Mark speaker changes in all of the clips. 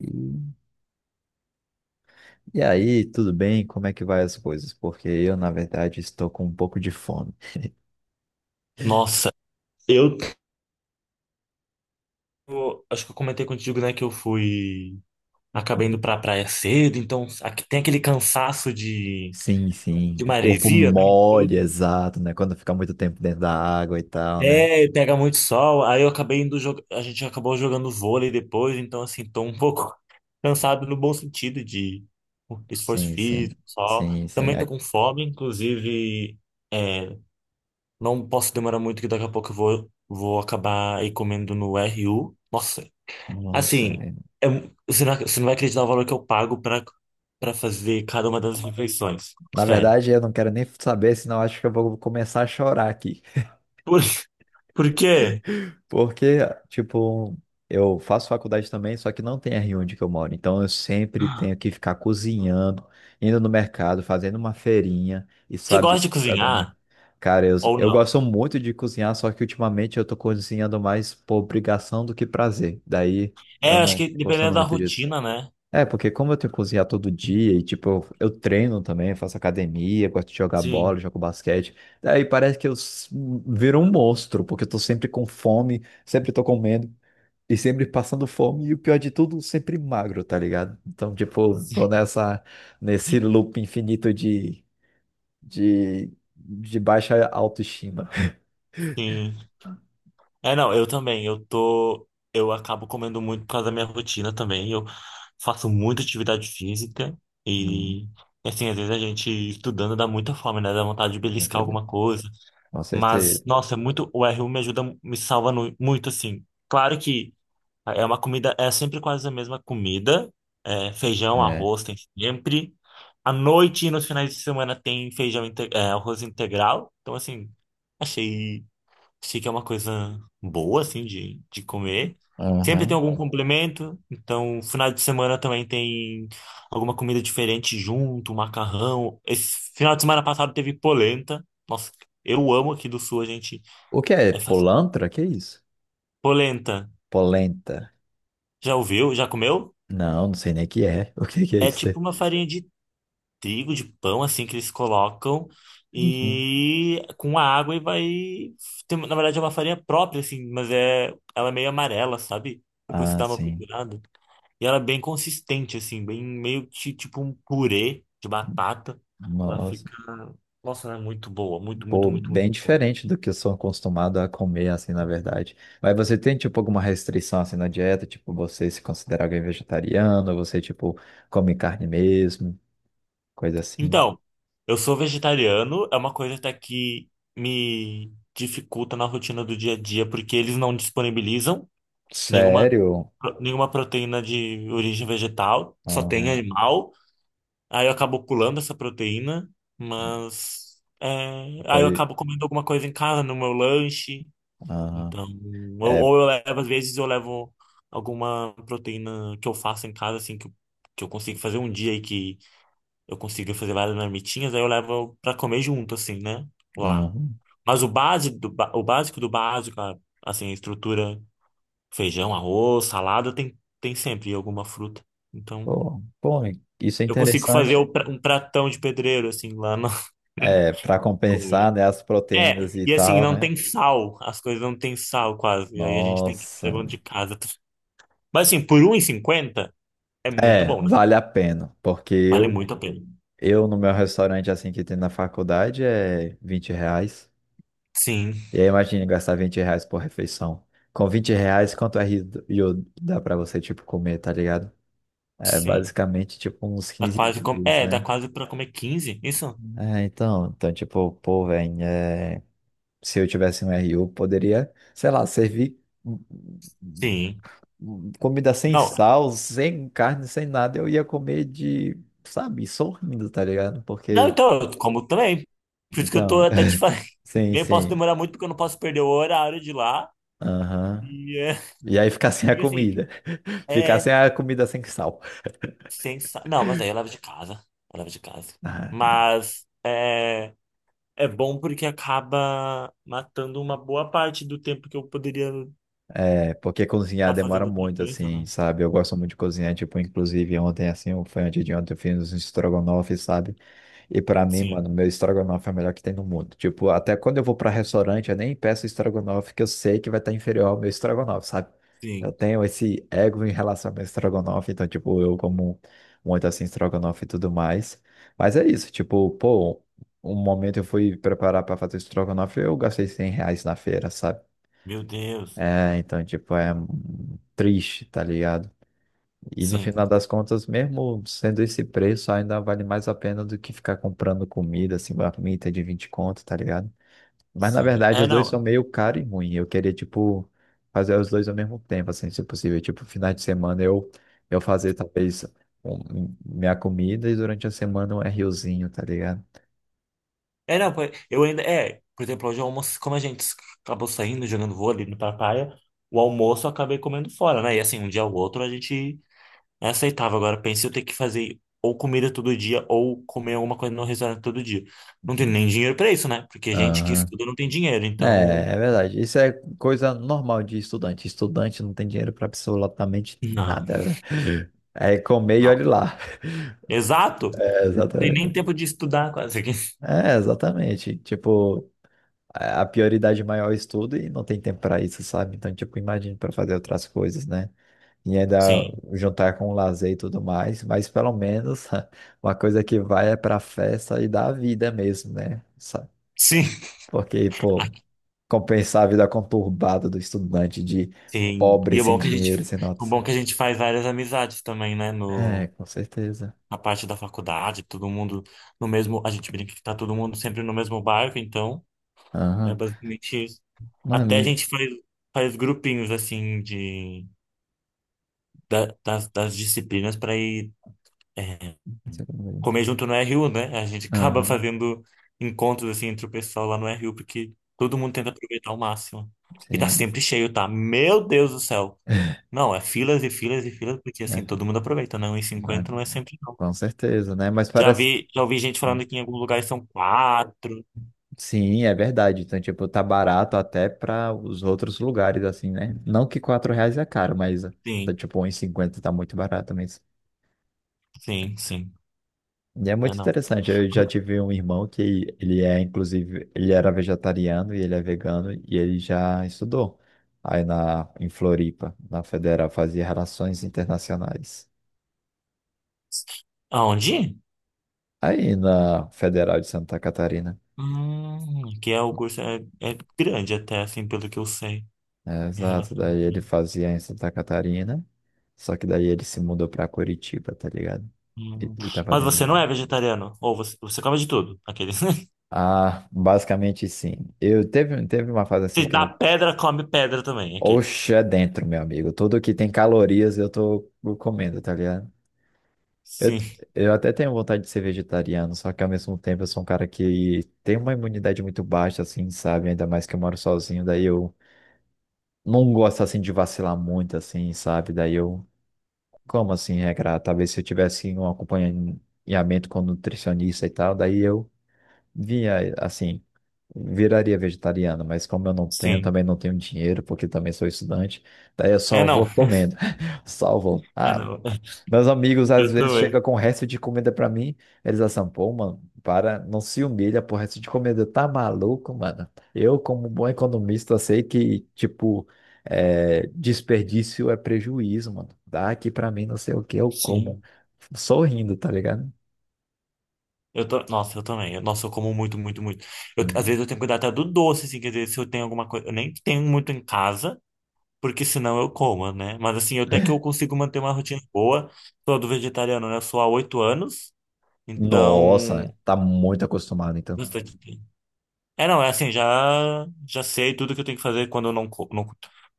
Speaker 1: E e aí, tudo bem? Como é que vai as coisas? Porque eu, na verdade, estou com um pouco de fome.
Speaker 2: Nossa, eu eu acho que eu comentei contigo, né, que eu fui acabei indo pra praia cedo, então aqui tem aquele cansaço de,
Speaker 1: Sim, sim.
Speaker 2: de
Speaker 1: O corpo
Speaker 2: maresia, né, e
Speaker 1: mole,
Speaker 2: tudo.
Speaker 1: exato, né? Quando fica muito tempo dentro da água e tal, né?
Speaker 2: É, pega muito sol, aí eu acabei indo jogar, a gente acabou jogando vôlei depois, então assim, tô um pouco cansado no bom sentido de esforço
Speaker 1: Sim, sim.
Speaker 2: físico, sol.
Speaker 1: Sim, sim.
Speaker 2: Também tô com fome, inclusive, é, não posso demorar muito que daqui a pouco eu vou acabar aí comendo no RU. Nossa,
Speaker 1: Nossa,
Speaker 2: assim,
Speaker 1: é.
Speaker 2: você não vai acreditar o valor que eu pago para fazer cada uma das refeições.
Speaker 1: Na
Speaker 2: Sério.
Speaker 1: verdade, eu não quero nem saber, senão eu acho que eu vou começar a chorar aqui.
Speaker 2: Por, por quê?
Speaker 1: Porque, tipo, eu faço faculdade também, só que não tem R um onde que eu moro. Então eu sempre tenho que ficar cozinhando, indo no mercado, fazendo uma feirinha e
Speaker 2: Você gosta
Speaker 1: sabe,
Speaker 2: de cozinhar
Speaker 1: Cara, eu,
Speaker 2: ou
Speaker 1: eu
Speaker 2: não?
Speaker 1: gosto muito de cozinhar, só que ultimamente eu tô cozinhando mais por obrigação do que prazer. Daí eu
Speaker 2: É, acho
Speaker 1: não
Speaker 2: que
Speaker 1: gostando
Speaker 2: dependendo da
Speaker 1: muito disso.
Speaker 2: rotina, né?
Speaker 1: É, porque como eu tenho que cozinhar todo dia e, tipo, eu treino também, faço academia, gosto de jogar bola,
Speaker 2: Sim.
Speaker 1: jogo basquete, daí parece que viro um monstro, porque eu tô sempre com fome, sempre tô comendo e sempre passando fome e o pior de tudo, sempre magro, tá ligado? Então, tipo, tô nessa, nesse loop infinito de, de baixa autoestima.
Speaker 2: Sim. É, não, eu também. Eu tô. Eu acabo comendo muito por causa da minha rotina também. Eu faço muita atividade física
Speaker 1: Hum,
Speaker 2: e, assim, às vezes a gente estudando dá muita fome, né? Dá vontade de
Speaker 1: com
Speaker 2: beliscar
Speaker 1: certeza.
Speaker 2: alguma coisa.
Speaker 1: Com
Speaker 2: Mas,
Speaker 1: certeza.
Speaker 2: nossa, é muito, o R1 me ajuda, me salva muito, assim. Claro que é uma comida, é sempre quase a mesma comida. É, feijão,
Speaker 1: É.
Speaker 2: arroz tem sempre. À noite e nos finais de semana tem feijão, arroz integral. Então, assim, achei se que é uma coisa boa, assim, de, comer. Sempre tem
Speaker 1: Aham.
Speaker 2: algum complemento, então final de semana também tem alguma comida diferente junto, macarrão. Esse final de semana passado teve polenta. Nossa, eu amo aqui do sul, a gente
Speaker 1: O que é?
Speaker 2: é fácil.
Speaker 1: Polantra? Que é isso?
Speaker 2: Polenta,
Speaker 1: Polenta.
Speaker 2: já ouviu? Já comeu?
Speaker 1: Não, não sei nem o que é. O que que é
Speaker 2: É
Speaker 1: isso
Speaker 2: tipo
Speaker 1: aí?
Speaker 2: uma farinha de trigo, de pão, assim, que eles colocam
Speaker 1: Uhum.
Speaker 2: e com a água e vai. Na verdade, é uma farinha própria, assim, mas ela é meio amarela, sabe? Depois você
Speaker 1: Ah,
Speaker 2: dá uma
Speaker 1: sim.
Speaker 2: procurada. E ela é bem consistente, assim, bem meio que tipo um purê de batata. Ela
Speaker 1: Nossa,
Speaker 2: fica. Nossa, ela é muito boa, muito, muito,
Speaker 1: pô,
Speaker 2: muito,
Speaker 1: bem
Speaker 2: muito boa.
Speaker 1: diferente do que eu sou acostumado a comer, assim, na verdade. Mas você tem, tipo, alguma restrição, assim, na dieta? Tipo, você se considera alguém vegetariano? Você, tipo, come carne mesmo? Coisa assim.
Speaker 2: Então, eu sou vegetariano, é uma coisa até que me dificulta na rotina do dia a dia, porque eles não disponibilizam nenhuma,
Speaker 1: Sério?
Speaker 2: nenhuma proteína de origem vegetal, só tem
Speaker 1: Aham.
Speaker 2: animal. Aí eu acabo pulando essa proteína, mas. é, aí eu
Speaker 1: Foi.
Speaker 2: acabo comendo alguma coisa em casa, no meu lanche.
Speaker 1: Aham.
Speaker 2: Então,
Speaker 1: É.
Speaker 2: ou eu levo, às vezes eu levo alguma proteína que eu faço em casa, assim, que eu consigo fazer um dia e que eu consigo fazer várias marmitinhas, aí eu levo pra comer junto, assim, né? Lá.
Speaker 1: Aham.
Speaker 2: Mas o básico do básico, assim, a estrutura, feijão, arroz, salada, tem sempre alguma fruta. Então,
Speaker 1: Pô, pô, isso é
Speaker 2: eu consigo fazer
Speaker 1: interessante.
Speaker 2: um pratão de pedreiro, assim, lá na
Speaker 1: É, para compensar,
Speaker 2: comer.
Speaker 1: né, as
Speaker 2: É,
Speaker 1: proteínas e
Speaker 2: e assim,
Speaker 1: tal,
Speaker 2: não
Speaker 1: né?
Speaker 2: tem sal, as coisas não tem sal quase, e aí a gente tem que ir
Speaker 1: Nossa.
Speaker 2: levando de casa. Mas assim, por 1,50 é muito
Speaker 1: É,
Speaker 2: bom, né?
Speaker 1: vale a pena, porque
Speaker 2: Vale
Speaker 1: eu,
Speaker 2: muito a pena.
Speaker 1: eu no meu restaurante assim que tem na faculdade é R$ 20.
Speaker 2: Sim,
Speaker 1: E aí imagina gastar R$ 20 por refeição. Com R$ 20, quanto é rio dá pra você, tipo, comer, tá ligado? É
Speaker 2: sim.
Speaker 1: basicamente, tipo, uns
Speaker 2: Dá
Speaker 1: 15
Speaker 2: quase como.
Speaker 1: dias,
Speaker 2: É, dá
Speaker 1: né?
Speaker 2: quase pra comer 15 isso?
Speaker 1: É, então, tipo, pô, velho, é, se eu tivesse um RU, poderia, sei lá, servir hum, hum,
Speaker 2: Sim.
Speaker 1: comida sem
Speaker 2: Não.
Speaker 1: sal, sem carne, sem nada, eu ia comer de, sabe, sorrindo, tá ligado?
Speaker 2: Não,
Speaker 1: Porque
Speaker 2: então, eu como também. Por isso que eu
Speaker 1: então,
Speaker 2: tô até te falando.
Speaker 1: sim,
Speaker 2: Nem posso
Speaker 1: sim.
Speaker 2: demorar muito porque eu não posso perder o horário de lá.
Speaker 1: Aham.
Speaker 2: E,
Speaker 1: E aí ficar sem a
Speaker 2: e assim,
Speaker 1: comida. Ficar
Speaker 2: é
Speaker 1: sem a comida sem sal.
Speaker 2: sensacional. Não, mas aí eu levo de casa. Eu levo de casa.
Speaker 1: Ah,
Speaker 2: Mas é bom porque acaba matando uma boa parte do tempo que eu poderia
Speaker 1: É, porque cozinhar
Speaker 2: estar
Speaker 1: demora
Speaker 2: fazendo outra
Speaker 1: muito,
Speaker 2: coisa,
Speaker 1: assim,
Speaker 2: né?
Speaker 1: sabe? Eu gosto muito de cozinhar, tipo, inclusive ontem, assim, ou foi antes de ontem, eu fiz uns estrogonofe, sabe? E pra mim,
Speaker 2: Sim,
Speaker 1: mano, meu estrogonofe é o melhor que tem no mundo. Tipo, até quando eu vou pra restaurante, eu nem peço estrogonofe que eu sei que vai estar inferior ao meu estrogonofe, sabe? Eu
Speaker 2: sim.
Speaker 1: tenho esse ego em relação ao meu estrogonofe, então, tipo, eu como muito assim estrogonofe e tudo mais. Mas é isso, tipo, pô, um momento eu fui preparar pra fazer estrogonofe, eu gastei R$ 100 na feira, sabe?
Speaker 2: Meu Deus.
Speaker 1: É, então, tipo, é triste, tá ligado? E no
Speaker 2: Sim,
Speaker 1: final das contas, mesmo sendo esse preço, ainda vale mais a pena do que ficar comprando comida, assim, marmita de 20 conto, tá ligado? Mas na
Speaker 2: sim.
Speaker 1: verdade,
Speaker 2: É,
Speaker 1: os dois são
Speaker 2: não.
Speaker 1: meio caro e ruim. Eu queria, tipo, fazer os dois ao mesmo tempo, assim, se possível. Tipo, final de semana eu fazer talvez minha comida e durante a semana um RUzinho, tá ligado?
Speaker 2: É, não, eu ainda. É, por exemplo, hoje o almoço, como a gente acabou saindo, jogando vôlei no pra praia, o almoço eu acabei comendo fora, né? E assim, um dia ou outro a gente aceitava. Agora, pense eu ter que fazer ou comida todo dia ou comer alguma coisa no restaurante todo dia. Não tem nem dinheiro pra isso, né? Porque gente que
Speaker 1: Aham.
Speaker 2: estuda não tem dinheiro, então.
Speaker 1: É, é verdade. Isso é coisa normal de estudante. Estudante não tem dinheiro para absolutamente
Speaker 2: Não,
Speaker 1: nada. É comer e
Speaker 2: não.
Speaker 1: olhe lá.
Speaker 2: Exato!
Speaker 1: É,
Speaker 2: Não tem nem
Speaker 1: exatamente.
Speaker 2: tempo de estudar quase. aqui.
Speaker 1: É, exatamente. Tipo, a prioridade maior é o estudo e não tem tempo para isso, sabe? Então, tipo, imagina para fazer outras coisas, né? E ainda
Speaker 2: Sim,
Speaker 1: juntar com o lazer e tudo mais, mas pelo menos uma coisa que vai é pra festa e dá vida mesmo, né?
Speaker 2: sim.
Speaker 1: Porque, pô, compensar a vida conturbada do estudante de
Speaker 2: Sim.
Speaker 1: pobre, sem dinheiro, sem
Speaker 2: O
Speaker 1: notas.
Speaker 2: bom que a gente faz várias amizades também, né?
Speaker 1: É,
Speaker 2: No,
Speaker 1: com certeza.
Speaker 2: na parte da faculdade, todo mundo no mesmo. A gente brinca que tá todo mundo sempre no mesmo barco, então é
Speaker 1: Aham.
Speaker 2: basicamente isso. Até a
Speaker 1: Mano,
Speaker 2: gente faz grupinhos assim das disciplinas para ir é,
Speaker 1: não sei como
Speaker 2: comer junto no RU, né? A gente
Speaker 1: é.
Speaker 2: acaba
Speaker 1: Aham,
Speaker 2: fazendo encontros assim entre o pessoal lá no RU, porque todo mundo tenta aproveitar ao máximo. E tá
Speaker 1: sim.
Speaker 2: sempre cheio, tá? Meu Deus do céu! Não, é filas e filas e filas, porque assim, todo
Speaker 1: É,
Speaker 2: mundo aproveita, né? um e
Speaker 1: mas-
Speaker 2: cinquenta não é sempre, não.
Speaker 1: com certeza, né? Mas
Speaker 2: Já
Speaker 1: parece.
Speaker 2: vi, já ouvi gente falando que em alguns lugares são 4.
Speaker 1: Sim, é verdade. Então, tipo, tá barato até para os outros lugares, assim, né? Não que R$ 4 é caro, mas tá,
Speaker 2: Sim,
Speaker 1: tipo, 1,50 tá muito barato mesmo.
Speaker 2: sim, sim.
Speaker 1: E é
Speaker 2: Não é
Speaker 1: muito
Speaker 2: não.
Speaker 1: interessante. Eu já tive um irmão que ele é, inclusive, ele era vegetariano e ele é vegano e ele já estudou aí na, em Floripa, na Federal, fazia Relações Internacionais.
Speaker 2: Aonde?
Speaker 1: Aí na Federal de Santa Catarina.
Speaker 2: Que é o curso é grande até, assim, pelo que eu sei.
Speaker 1: É,
Speaker 2: Em
Speaker 1: exato,
Speaker 2: relação a
Speaker 1: daí ele fazia em Santa Catarina, só que daí ele se mudou pra Curitiba, tá ligado?
Speaker 2: Hum.
Speaker 1: E tá
Speaker 2: Mas
Speaker 1: fazendo.
Speaker 2: você não é vegetariano? Ou você come de tudo? Aqueles.
Speaker 1: Ah, basicamente sim. Eu teve uma fase assim
Speaker 2: Você
Speaker 1: que
Speaker 2: dá
Speaker 1: eu.
Speaker 2: pedra, come pedra também, aqueles.
Speaker 1: Oxe, é dentro, meu amigo. Tudo que tem calorias eu tô comendo, tá ligado? Eu,
Speaker 2: Sim,
Speaker 1: eu até tenho vontade de ser vegetariano, só que ao mesmo tempo eu sou um cara que tem uma imunidade muito baixa, assim, sabe? Ainda mais que eu moro sozinho, daí eu não gosto assim de vacilar muito, assim, sabe? Daí eu. Como assim regrar? Talvez se eu tivesse um acompanhamento com nutricionista e tal, daí eu vinha, assim, viraria vegetariano, mas como eu não tenho,
Speaker 2: sim.
Speaker 1: também não tenho dinheiro, porque também sou estudante, daí eu
Speaker 2: É
Speaker 1: só
Speaker 2: não.
Speaker 1: vou comendo. Salvo.
Speaker 2: É não.
Speaker 1: Meus amigos às
Speaker 2: Eu
Speaker 1: vezes chegam
Speaker 2: também.
Speaker 1: com resto de comida pra mim, eles assim, pô, mano, para, não se humilha por resto de comida, tá maluco, mano? Eu, como bom economista, sei que, tipo, é, desperdício é prejuízo, mano. Dá aqui pra mim, não sei o que, eu como
Speaker 2: Sim.
Speaker 1: sorrindo, tá ligado?
Speaker 2: Eu tô, nossa, eu também. Nossa, eu como muito, muito, muito. Às
Speaker 1: Uhum.
Speaker 2: vezes eu tenho que cuidar até do doce, assim, quer dizer, se eu tenho alguma coisa. Eu nem tenho muito em casa, porque senão eu como, né? Mas assim, até que eu consigo manter uma rotina boa. Sou do vegetariano, né? Eu sou há 8 anos,
Speaker 1: Nossa,
Speaker 2: então.
Speaker 1: tá muito acostumado, então.
Speaker 2: Bastante tempo. É, não, é assim, já sei tudo que eu tenho que fazer quando eu não, co- não,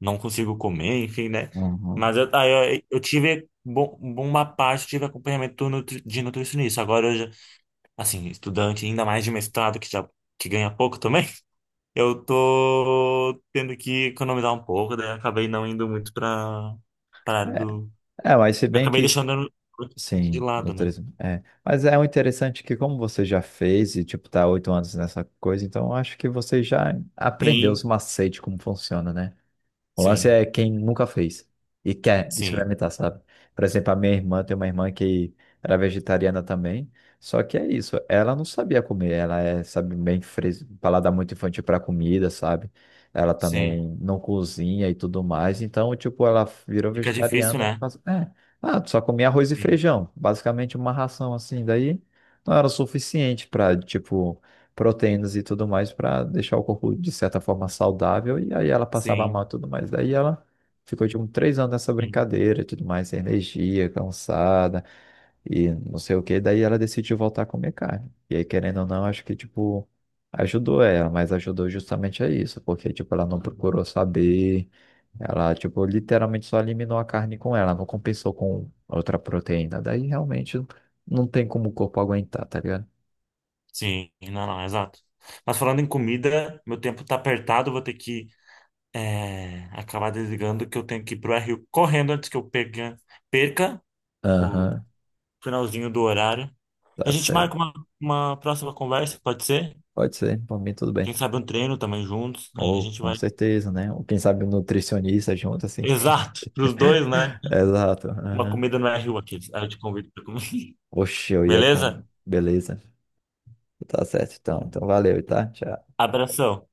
Speaker 2: não consigo comer, enfim, né?
Speaker 1: Uhum.
Speaker 2: Mas aí eu tive bom, uma parte, tive acompanhamento de nutricionista. Agora eu já. Assim, estudante, ainda mais de mestrado, que ganha pouco também, eu tô tendo que economizar um pouco, daí acabei não indo muito pra, área do.
Speaker 1: É, mas se bem
Speaker 2: Acabei
Speaker 1: que
Speaker 2: deixando de
Speaker 1: sim, no
Speaker 2: lado, né?
Speaker 1: turismo. É. Mas é o interessante que como você já fez e tipo tá há 8 anos nessa coisa, então eu acho que você já aprendeu os
Speaker 2: Sim,
Speaker 1: macetes como funciona, né? O lance
Speaker 2: sim,
Speaker 1: é quem nunca fez e quer
Speaker 2: sim,
Speaker 1: experimentar, sabe? Por exemplo, a minha irmã tem uma irmã que era vegetariana também, só que é isso, ela não sabia comer, ela é, sabe, bem paladar muito infantil para comida, sabe? Ela
Speaker 2: sim.
Speaker 1: também não cozinha e tudo mais, então, tipo, ela virou
Speaker 2: Fica difícil,
Speaker 1: vegetariana e
Speaker 2: né?
Speaker 1: faz... é, ah, só comia arroz e
Speaker 2: Sim,
Speaker 1: feijão, basicamente uma ração assim, daí não era o suficiente para, tipo proteínas e tudo mais para deixar o corpo de certa forma saudável e aí ela passava mal e
Speaker 2: sim,
Speaker 1: tudo mais. Daí ela ficou tipo 3 anos nessa
Speaker 2: sim,
Speaker 1: brincadeira, e tudo mais, sem energia, cansada e não sei o que. Daí ela decidiu voltar a comer carne. E aí, querendo ou não, acho que tipo ajudou ela, mas ajudou justamente a isso, porque tipo ela não procurou saber. Ela, tipo, literalmente só eliminou a carne com ela, não compensou com outra proteína. Daí realmente não tem como o corpo aguentar, tá ligado?
Speaker 2: sim. Não, não, exato. Mas falando em comida, meu tempo tá apertado, vou ter que acabar desligando que eu tenho que ir pro RU correndo antes que eu pegue, perca o
Speaker 1: Aham,
Speaker 2: finalzinho do horário. E a
Speaker 1: tá
Speaker 2: gente marca
Speaker 1: certo.
Speaker 2: uma próxima conversa, pode ser?
Speaker 1: Pode ser, por mim tudo bem.
Speaker 2: Quem sabe um treino também juntos. Aí a
Speaker 1: Ou
Speaker 2: gente
Speaker 1: com
Speaker 2: vai.
Speaker 1: certeza, né? Ou quem sabe um nutricionista junto, assim.
Speaker 2: Exato, pros dois, né?
Speaker 1: Exato.
Speaker 2: Uma
Speaker 1: Aham.
Speaker 2: comida no RU aqui. Aí eu te convido pra comer.
Speaker 1: Oxe, eu ia com.
Speaker 2: Beleza?
Speaker 1: Beleza. Tá certo, então. Então valeu, tá? Tchau.
Speaker 2: Abração.